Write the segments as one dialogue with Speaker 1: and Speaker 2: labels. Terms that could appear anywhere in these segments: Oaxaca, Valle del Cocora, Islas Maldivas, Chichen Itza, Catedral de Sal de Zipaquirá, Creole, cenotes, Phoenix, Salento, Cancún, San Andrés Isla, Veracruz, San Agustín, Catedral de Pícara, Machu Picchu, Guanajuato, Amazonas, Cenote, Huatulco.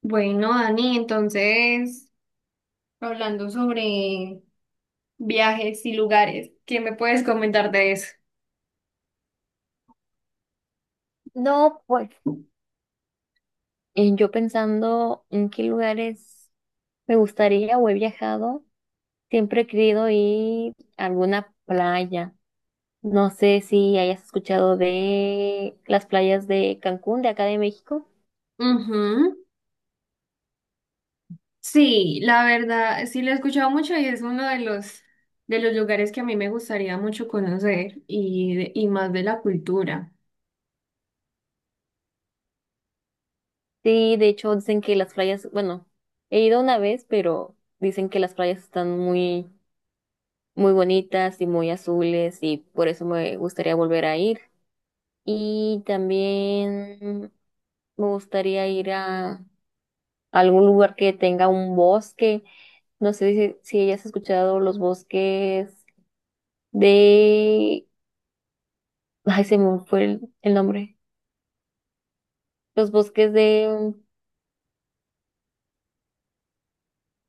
Speaker 1: Bueno, Dani, entonces, hablando sobre viajes y lugares, ¿qué me puedes comentar de eso?
Speaker 2: No, pues yo pensando en qué lugares me gustaría o he viajado, siempre he querido ir a alguna playa. No sé si hayas escuchado de las playas de Cancún, de acá de México.
Speaker 1: Ujú. Sí, la verdad, sí lo he escuchado mucho y es uno de los lugares que a mí me gustaría mucho conocer y, y más de la cultura.
Speaker 2: Sí, de hecho dicen que las playas, bueno, he ido una vez, pero dicen que las playas están muy, muy bonitas y muy azules y por eso me gustaría volver a ir. Y también me gustaría ir a algún lugar que tenga un bosque. No sé si hayas escuchado los bosques de... Ay, se me fue el nombre. Los bosques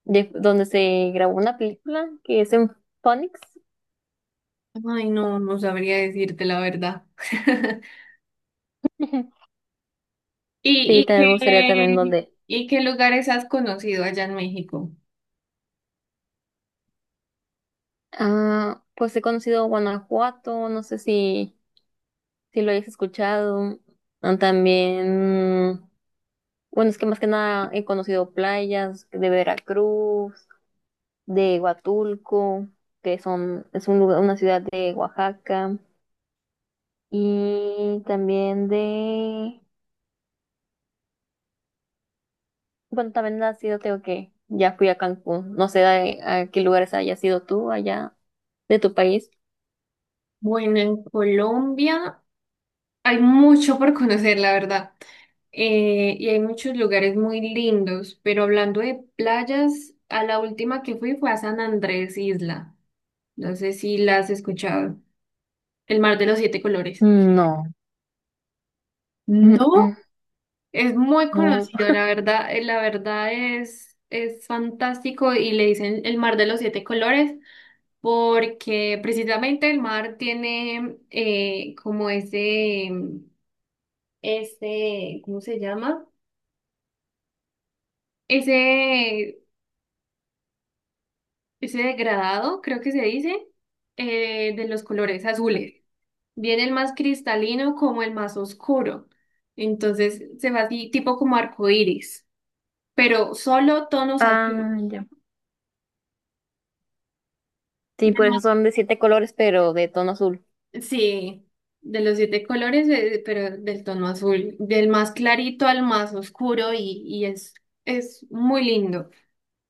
Speaker 2: de donde se grabó una película que es en Phoenix.
Speaker 1: Ay, no, no sabría decirte la verdad.
Speaker 2: Sí,
Speaker 1: ¿Y, y
Speaker 2: también me gustaría también
Speaker 1: qué,
Speaker 2: donde...
Speaker 1: y qué lugares has conocido allá en México?
Speaker 2: Ah, pues he conocido Guanajuato, no sé si lo hayas escuchado. Ah, también, bueno, es que más que nada he conocido playas de Veracruz, de Huatulco, que son, es un lugar, una ciudad de Oaxaca, y también de, bueno, también ha sido, tengo que, ya fui a Cancún, no sé a qué lugares hayas ido tú allá de tu país.
Speaker 1: Bueno, en Colombia hay mucho por conocer, la verdad. Y hay muchos lugares muy lindos, pero hablando de playas, a la última que fui fue a San Andrés Isla. No sé si la has escuchado. El mar de los siete colores.
Speaker 2: No. Mm,
Speaker 1: No.
Speaker 2: mm,
Speaker 1: Es muy
Speaker 2: no.
Speaker 1: conocido, la verdad es fantástico y le dicen el mar de los siete colores porque precisamente el mar tiene como ese, ¿cómo se llama? Ese Ese degradado, creo que se dice, de los colores azules. Viene el más cristalino como el más oscuro. Entonces se va así, tipo como arco iris, pero solo tonos azules.
Speaker 2: Ah, ya. Sí, por eso son de siete colores, pero de tono azul.
Speaker 1: Sí, de los siete colores, pero del tono azul, del más clarito al más oscuro y es muy lindo.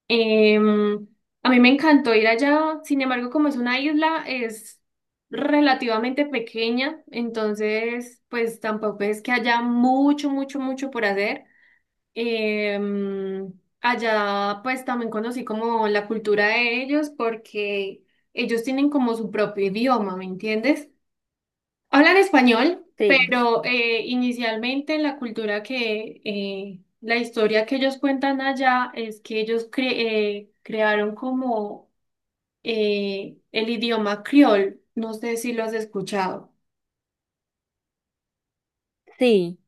Speaker 1: Em, a mí me encantó ir allá, sin embargo, como es una isla, es relativamente pequeña, entonces, pues tampoco es que haya mucho, mucho, mucho por hacer. Em, Allá, pues también conocí como la cultura de ellos, porque ellos tienen como su propio idioma, ¿me entiendes? Hablan español,
Speaker 2: Sí,
Speaker 1: pero inicialmente en la cultura que la historia que ellos cuentan allá es que crearon como el idioma criol, no sé si lo has escuchado,
Speaker 2: sí.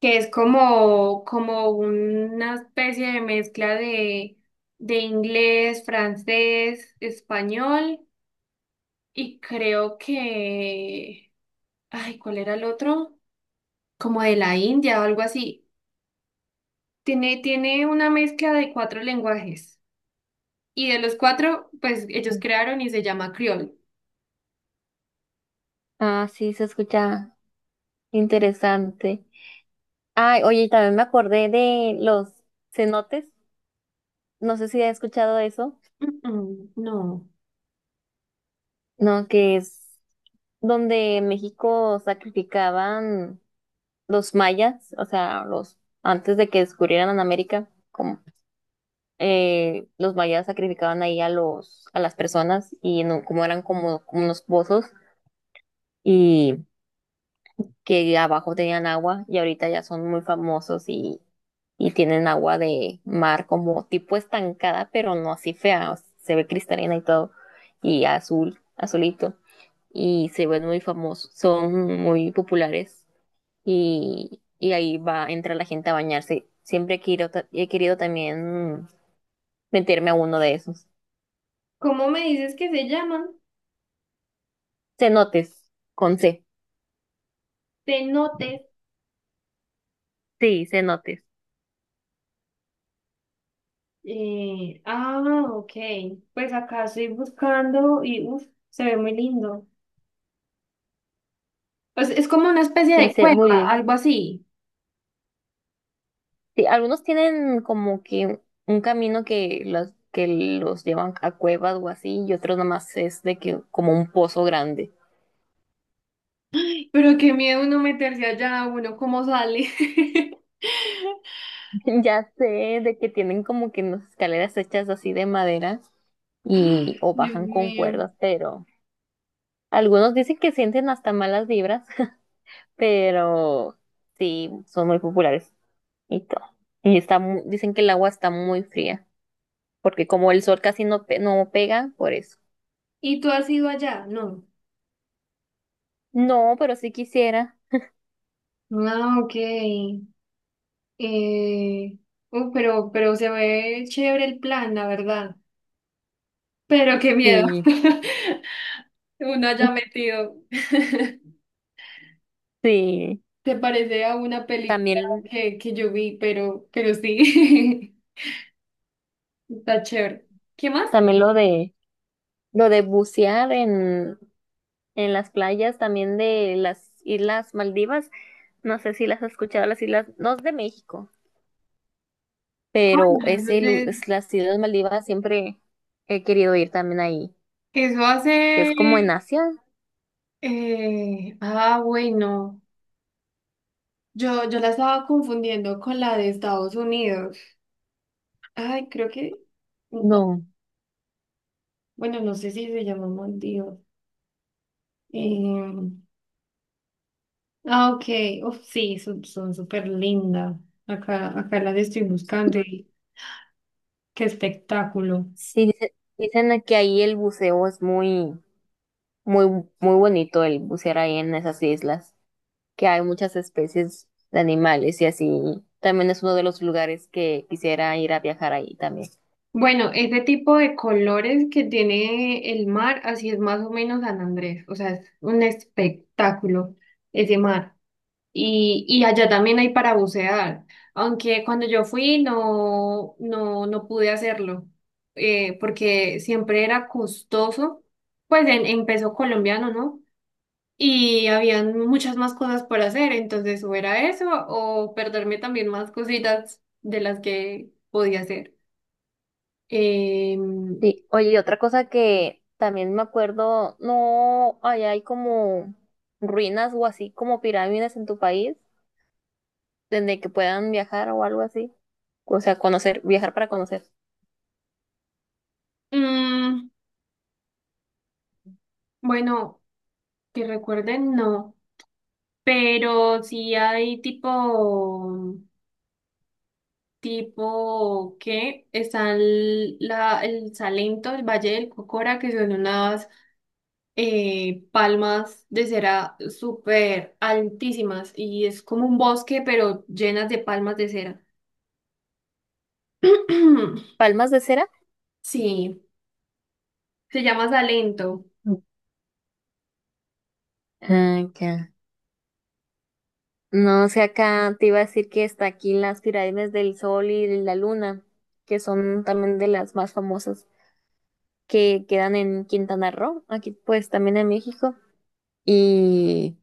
Speaker 1: que es como, como una especie de mezcla de inglés, francés, español y creo que, ay, ¿cuál era el otro? Como de la India o algo así. Tiene una mezcla de cuatro lenguajes. Y de los cuatro, pues ellos crearon y se llama Creole.
Speaker 2: Ah, sí, se escucha interesante. Ay, oye, y también me acordé de los cenotes. No sé si has escuchado eso.
Speaker 1: Mm, no.
Speaker 2: No, que es donde México sacrificaban los mayas, o sea, los antes de que descubrieran en América, como los mayas sacrificaban ahí a los a las personas y no, como eran como, como unos pozos y que abajo tenían agua y ahorita ya son muy famosos y tienen agua de mar como tipo estancada, pero no así fea, o sea, se ve cristalina y todo y azul, azulito. Y se ven muy famosos, son muy populares y ahí va, entra la gente a bañarse. Siempre he querido, he querido también meterme a uno de esos.
Speaker 1: ¿Cómo me dices que se llaman?
Speaker 2: Cenotes, con C.
Speaker 1: Cenotes.
Speaker 2: Sí, cenotes.
Speaker 1: Eh, ah, ok. Pues acá estoy buscando y uf, se ve muy lindo. Pues es como una especie
Speaker 2: Sí,
Speaker 1: de
Speaker 2: sé, muy
Speaker 1: cueva,
Speaker 2: bien.
Speaker 1: algo así.
Speaker 2: Sí, algunos tienen como que un camino que que los llevan a cuevas o así, y otros nomás es de que como un pozo grande.
Speaker 1: Pero qué miedo uno meterse allá, uno cómo sale.
Speaker 2: Ya sé de que tienen como que unas escaleras hechas así de madera y o
Speaker 1: Dios
Speaker 2: bajan con
Speaker 1: mío.
Speaker 2: cuerdas, pero algunos dicen que sienten hasta malas vibras, pero sí, son muy populares y todo. Y está, dicen que el agua está muy fría, porque como el sol casi no, no pega, por eso.
Speaker 1: ¿Y tú has ido allá? No.
Speaker 2: No, pero sí quisiera.
Speaker 1: Ah, ok. Eh, pero se ve chévere el plan, la verdad. Pero qué miedo.
Speaker 2: Sí,
Speaker 1: Uno haya metido.
Speaker 2: sí.
Speaker 1: Se parece a una película
Speaker 2: También,
Speaker 1: que yo vi, pero sí. Está chévere. ¿Qué más?
Speaker 2: también lo de bucear en las playas, también de las Islas Maldivas. No sé si las has escuchado, las islas, no es de México,
Speaker 1: Ah,
Speaker 2: pero
Speaker 1: bueno, eso,
Speaker 2: ese, es las Islas Maldivas siempre he querido ir también ahí,
Speaker 1: eso
Speaker 2: que es
Speaker 1: hace.
Speaker 2: como en Asia.
Speaker 1: Bueno. Yo la estaba confundiendo con la de Estados Unidos. Ay, creo que. u- o-
Speaker 2: No,
Speaker 1: Bueno, no sé si se llama Dios. Ah, ok. Uf, sí, son, son súper lindas. Acá las estoy buscando y qué espectáculo.
Speaker 2: sí, dicen que ahí el buceo es muy, muy, muy bonito el bucear ahí en esas islas, que hay muchas especies de animales y así. También es uno de los lugares que quisiera ir a viajar ahí también.
Speaker 1: Bueno, ese tipo de colores que tiene el mar, así es más o menos San Andrés, o sea, es un espectáculo ese mar. Y allá también hay para bucear, aunque cuando yo fui no, no, no pude hacerlo, porque siempre era costoso, pues en peso colombiano, ¿no? Y habían muchas más cosas por hacer, entonces o era eso o perderme también más cositas de las que podía hacer. Eh,
Speaker 2: Sí, oye, y otra cosa que también me acuerdo, no, allá hay como ruinas o así como pirámides en tu país, donde que puedan viajar o algo así. O sea, conocer, viajar para conocer.
Speaker 1: mm, bueno, que recuerden, no, pero sí hay tipo, tipo que está el, la, el Salento, el Valle del Cocora, que son unas palmas de cera súper altísimas y es como un bosque, pero llenas de palmas de cera.
Speaker 2: Palmas de cera.
Speaker 1: Sí, se llama Salento.
Speaker 2: Ah, acá. No sé, acá te iba a decir que está aquí las pirámides del Sol y de la Luna, que son también de las más famosas, que quedan en Quintana Roo, aquí pues también en México. Y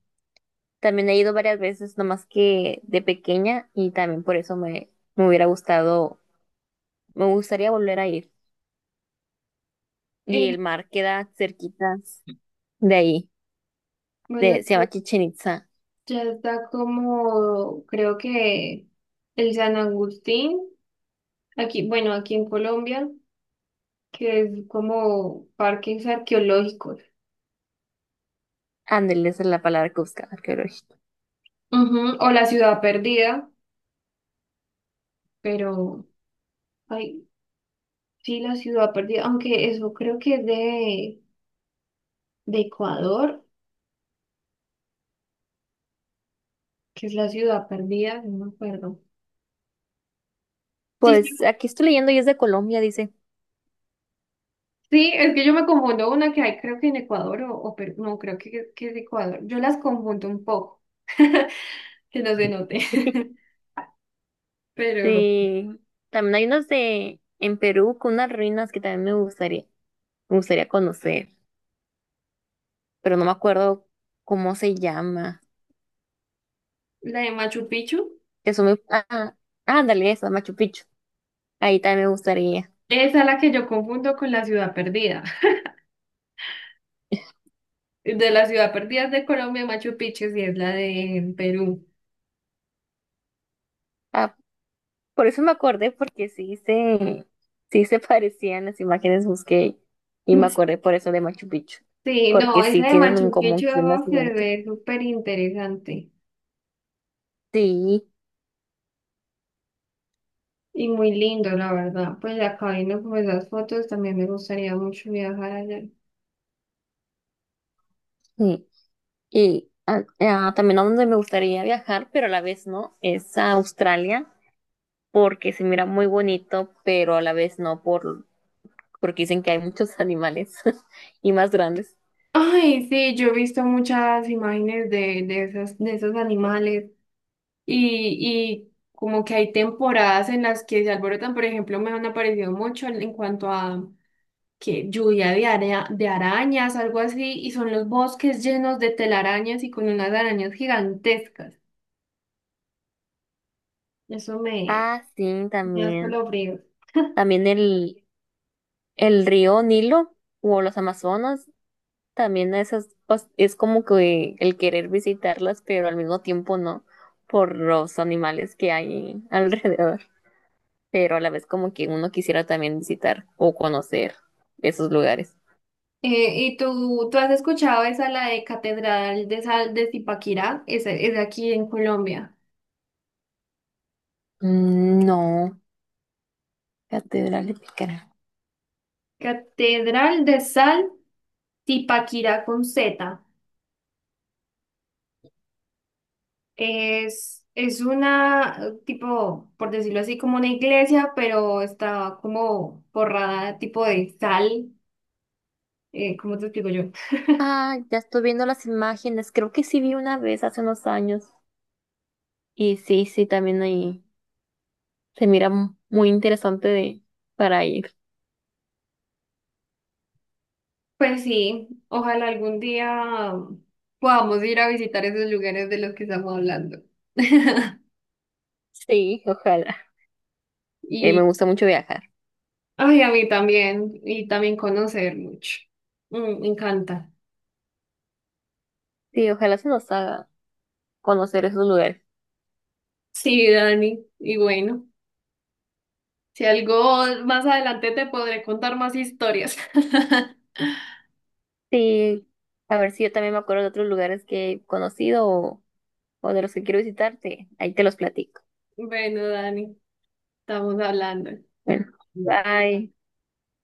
Speaker 2: también he ido varias veces, nomás que de pequeña, y también por eso me hubiera gustado, me gustaría volver a ir. Y
Speaker 1: Eh,
Speaker 2: el mar queda cerquitas de ahí.
Speaker 1: bueno,
Speaker 2: De, se
Speaker 1: ya
Speaker 2: llama Chichen Itza.
Speaker 1: ya está como, creo que el San Agustín, aquí, bueno, aquí en Colombia, que es como parques arqueológicos.
Speaker 2: Ándale, esa es la palabra que buscaba, arqueológico.
Speaker 1: Ujú. O la ciudad perdida, pero, ay, sí, la ciudad perdida, aunque eso creo que es de Ecuador, que es la ciudad perdida, no me acuerdo. Sí, sí,
Speaker 2: Pues aquí estoy leyendo y es de Colombia, dice.
Speaker 1: Sí, es que yo me confundo una que hay, creo que en Ecuador o Perú, no, creo que es Ecuador. Yo las confundo un poco, que no se note. Pero
Speaker 2: De, también hay unas de en Perú con unas ruinas que también me gustaría conocer, pero no me acuerdo cómo se llama.
Speaker 1: la de Machu Picchu,
Speaker 2: Eso me, ah, ándale, esa, Machu Picchu. Ahí también me gustaría.
Speaker 1: esa es la que yo confundo con la ciudad perdida. De la ciudad perdida es de Colombia, Machu Picchu sí es la de Perú.
Speaker 2: Ah, por eso me acordé, porque sí se parecían las imágenes, busqué y me acordé por eso de Machu Picchu,
Speaker 1: Sí,
Speaker 2: porque
Speaker 1: no, esa
Speaker 2: sí
Speaker 1: de
Speaker 2: tienen un
Speaker 1: Machu
Speaker 2: común,
Speaker 1: Picchu
Speaker 2: tienen una
Speaker 1: se
Speaker 2: similitud.
Speaker 1: ve súper interesante
Speaker 2: Sí,
Speaker 1: y muy lindo, la verdad. Pues acá viendo como esas fotos, también me gustaría mucho viajar allá.
Speaker 2: sí. Y también a donde me gustaría viajar, pero a la vez no, es a Australia, porque se mira muy bonito, pero a la vez no, porque dicen que hay muchos animales y más grandes.
Speaker 1: Ay, sí, yo he visto muchas imágenes de esas, de esos animales y como que hay temporadas en las que se alborotan, por ejemplo, me han aparecido mucho en cuanto a que lluvia de, de arañas, algo así, y son los bosques llenos de telarañas y con unas arañas gigantescas. Eso me,
Speaker 2: Ah, sí,
Speaker 1: me da
Speaker 2: también.
Speaker 1: escalofríos.
Speaker 2: También el río Nilo o los Amazonas, también esas, pues, es como que el querer visitarlas, pero al mismo tiempo no, por los animales que hay alrededor, pero a la vez como que uno quisiera también visitar o conocer esos lugares.
Speaker 1: ¿Y tú has escuchado esa, la de Catedral de Sal de Zipaquirá? Esa es aquí en Colombia.
Speaker 2: Mm, no, Catedral de Pícara.
Speaker 1: Catedral de Sal. Tipaquira con Z. Es una, tipo, por decirlo así, como una iglesia, pero está como forrada tipo de sal. ¿Cómo te explico yo?
Speaker 2: Ah, ya estoy viendo las imágenes. Creo que sí vi una vez hace unos años. Y sí, sí, también ahí se mira muy interesante de, para ir.
Speaker 1: Pues sí, ojalá algún día podamos ir a visitar esos lugares de los que estamos hablando.
Speaker 2: Sí, ojalá. Que me
Speaker 1: Y,
Speaker 2: gusta mucho viajar.
Speaker 1: ay, a mí también, y también conocer mucho. Mm, me encanta.
Speaker 2: Sí, ojalá se nos haga conocer esos lugares.
Speaker 1: Sí, Dani, y bueno, si algo más adelante te podré contar más historias.
Speaker 2: Sí, a ver si yo también me acuerdo de otros lugares que he conocido o de los que quiero visitarte. Ahí te los platico.
Speaker 1: Bueno, Dani, estamos hablando.
Speaker 2: Bueno, bye.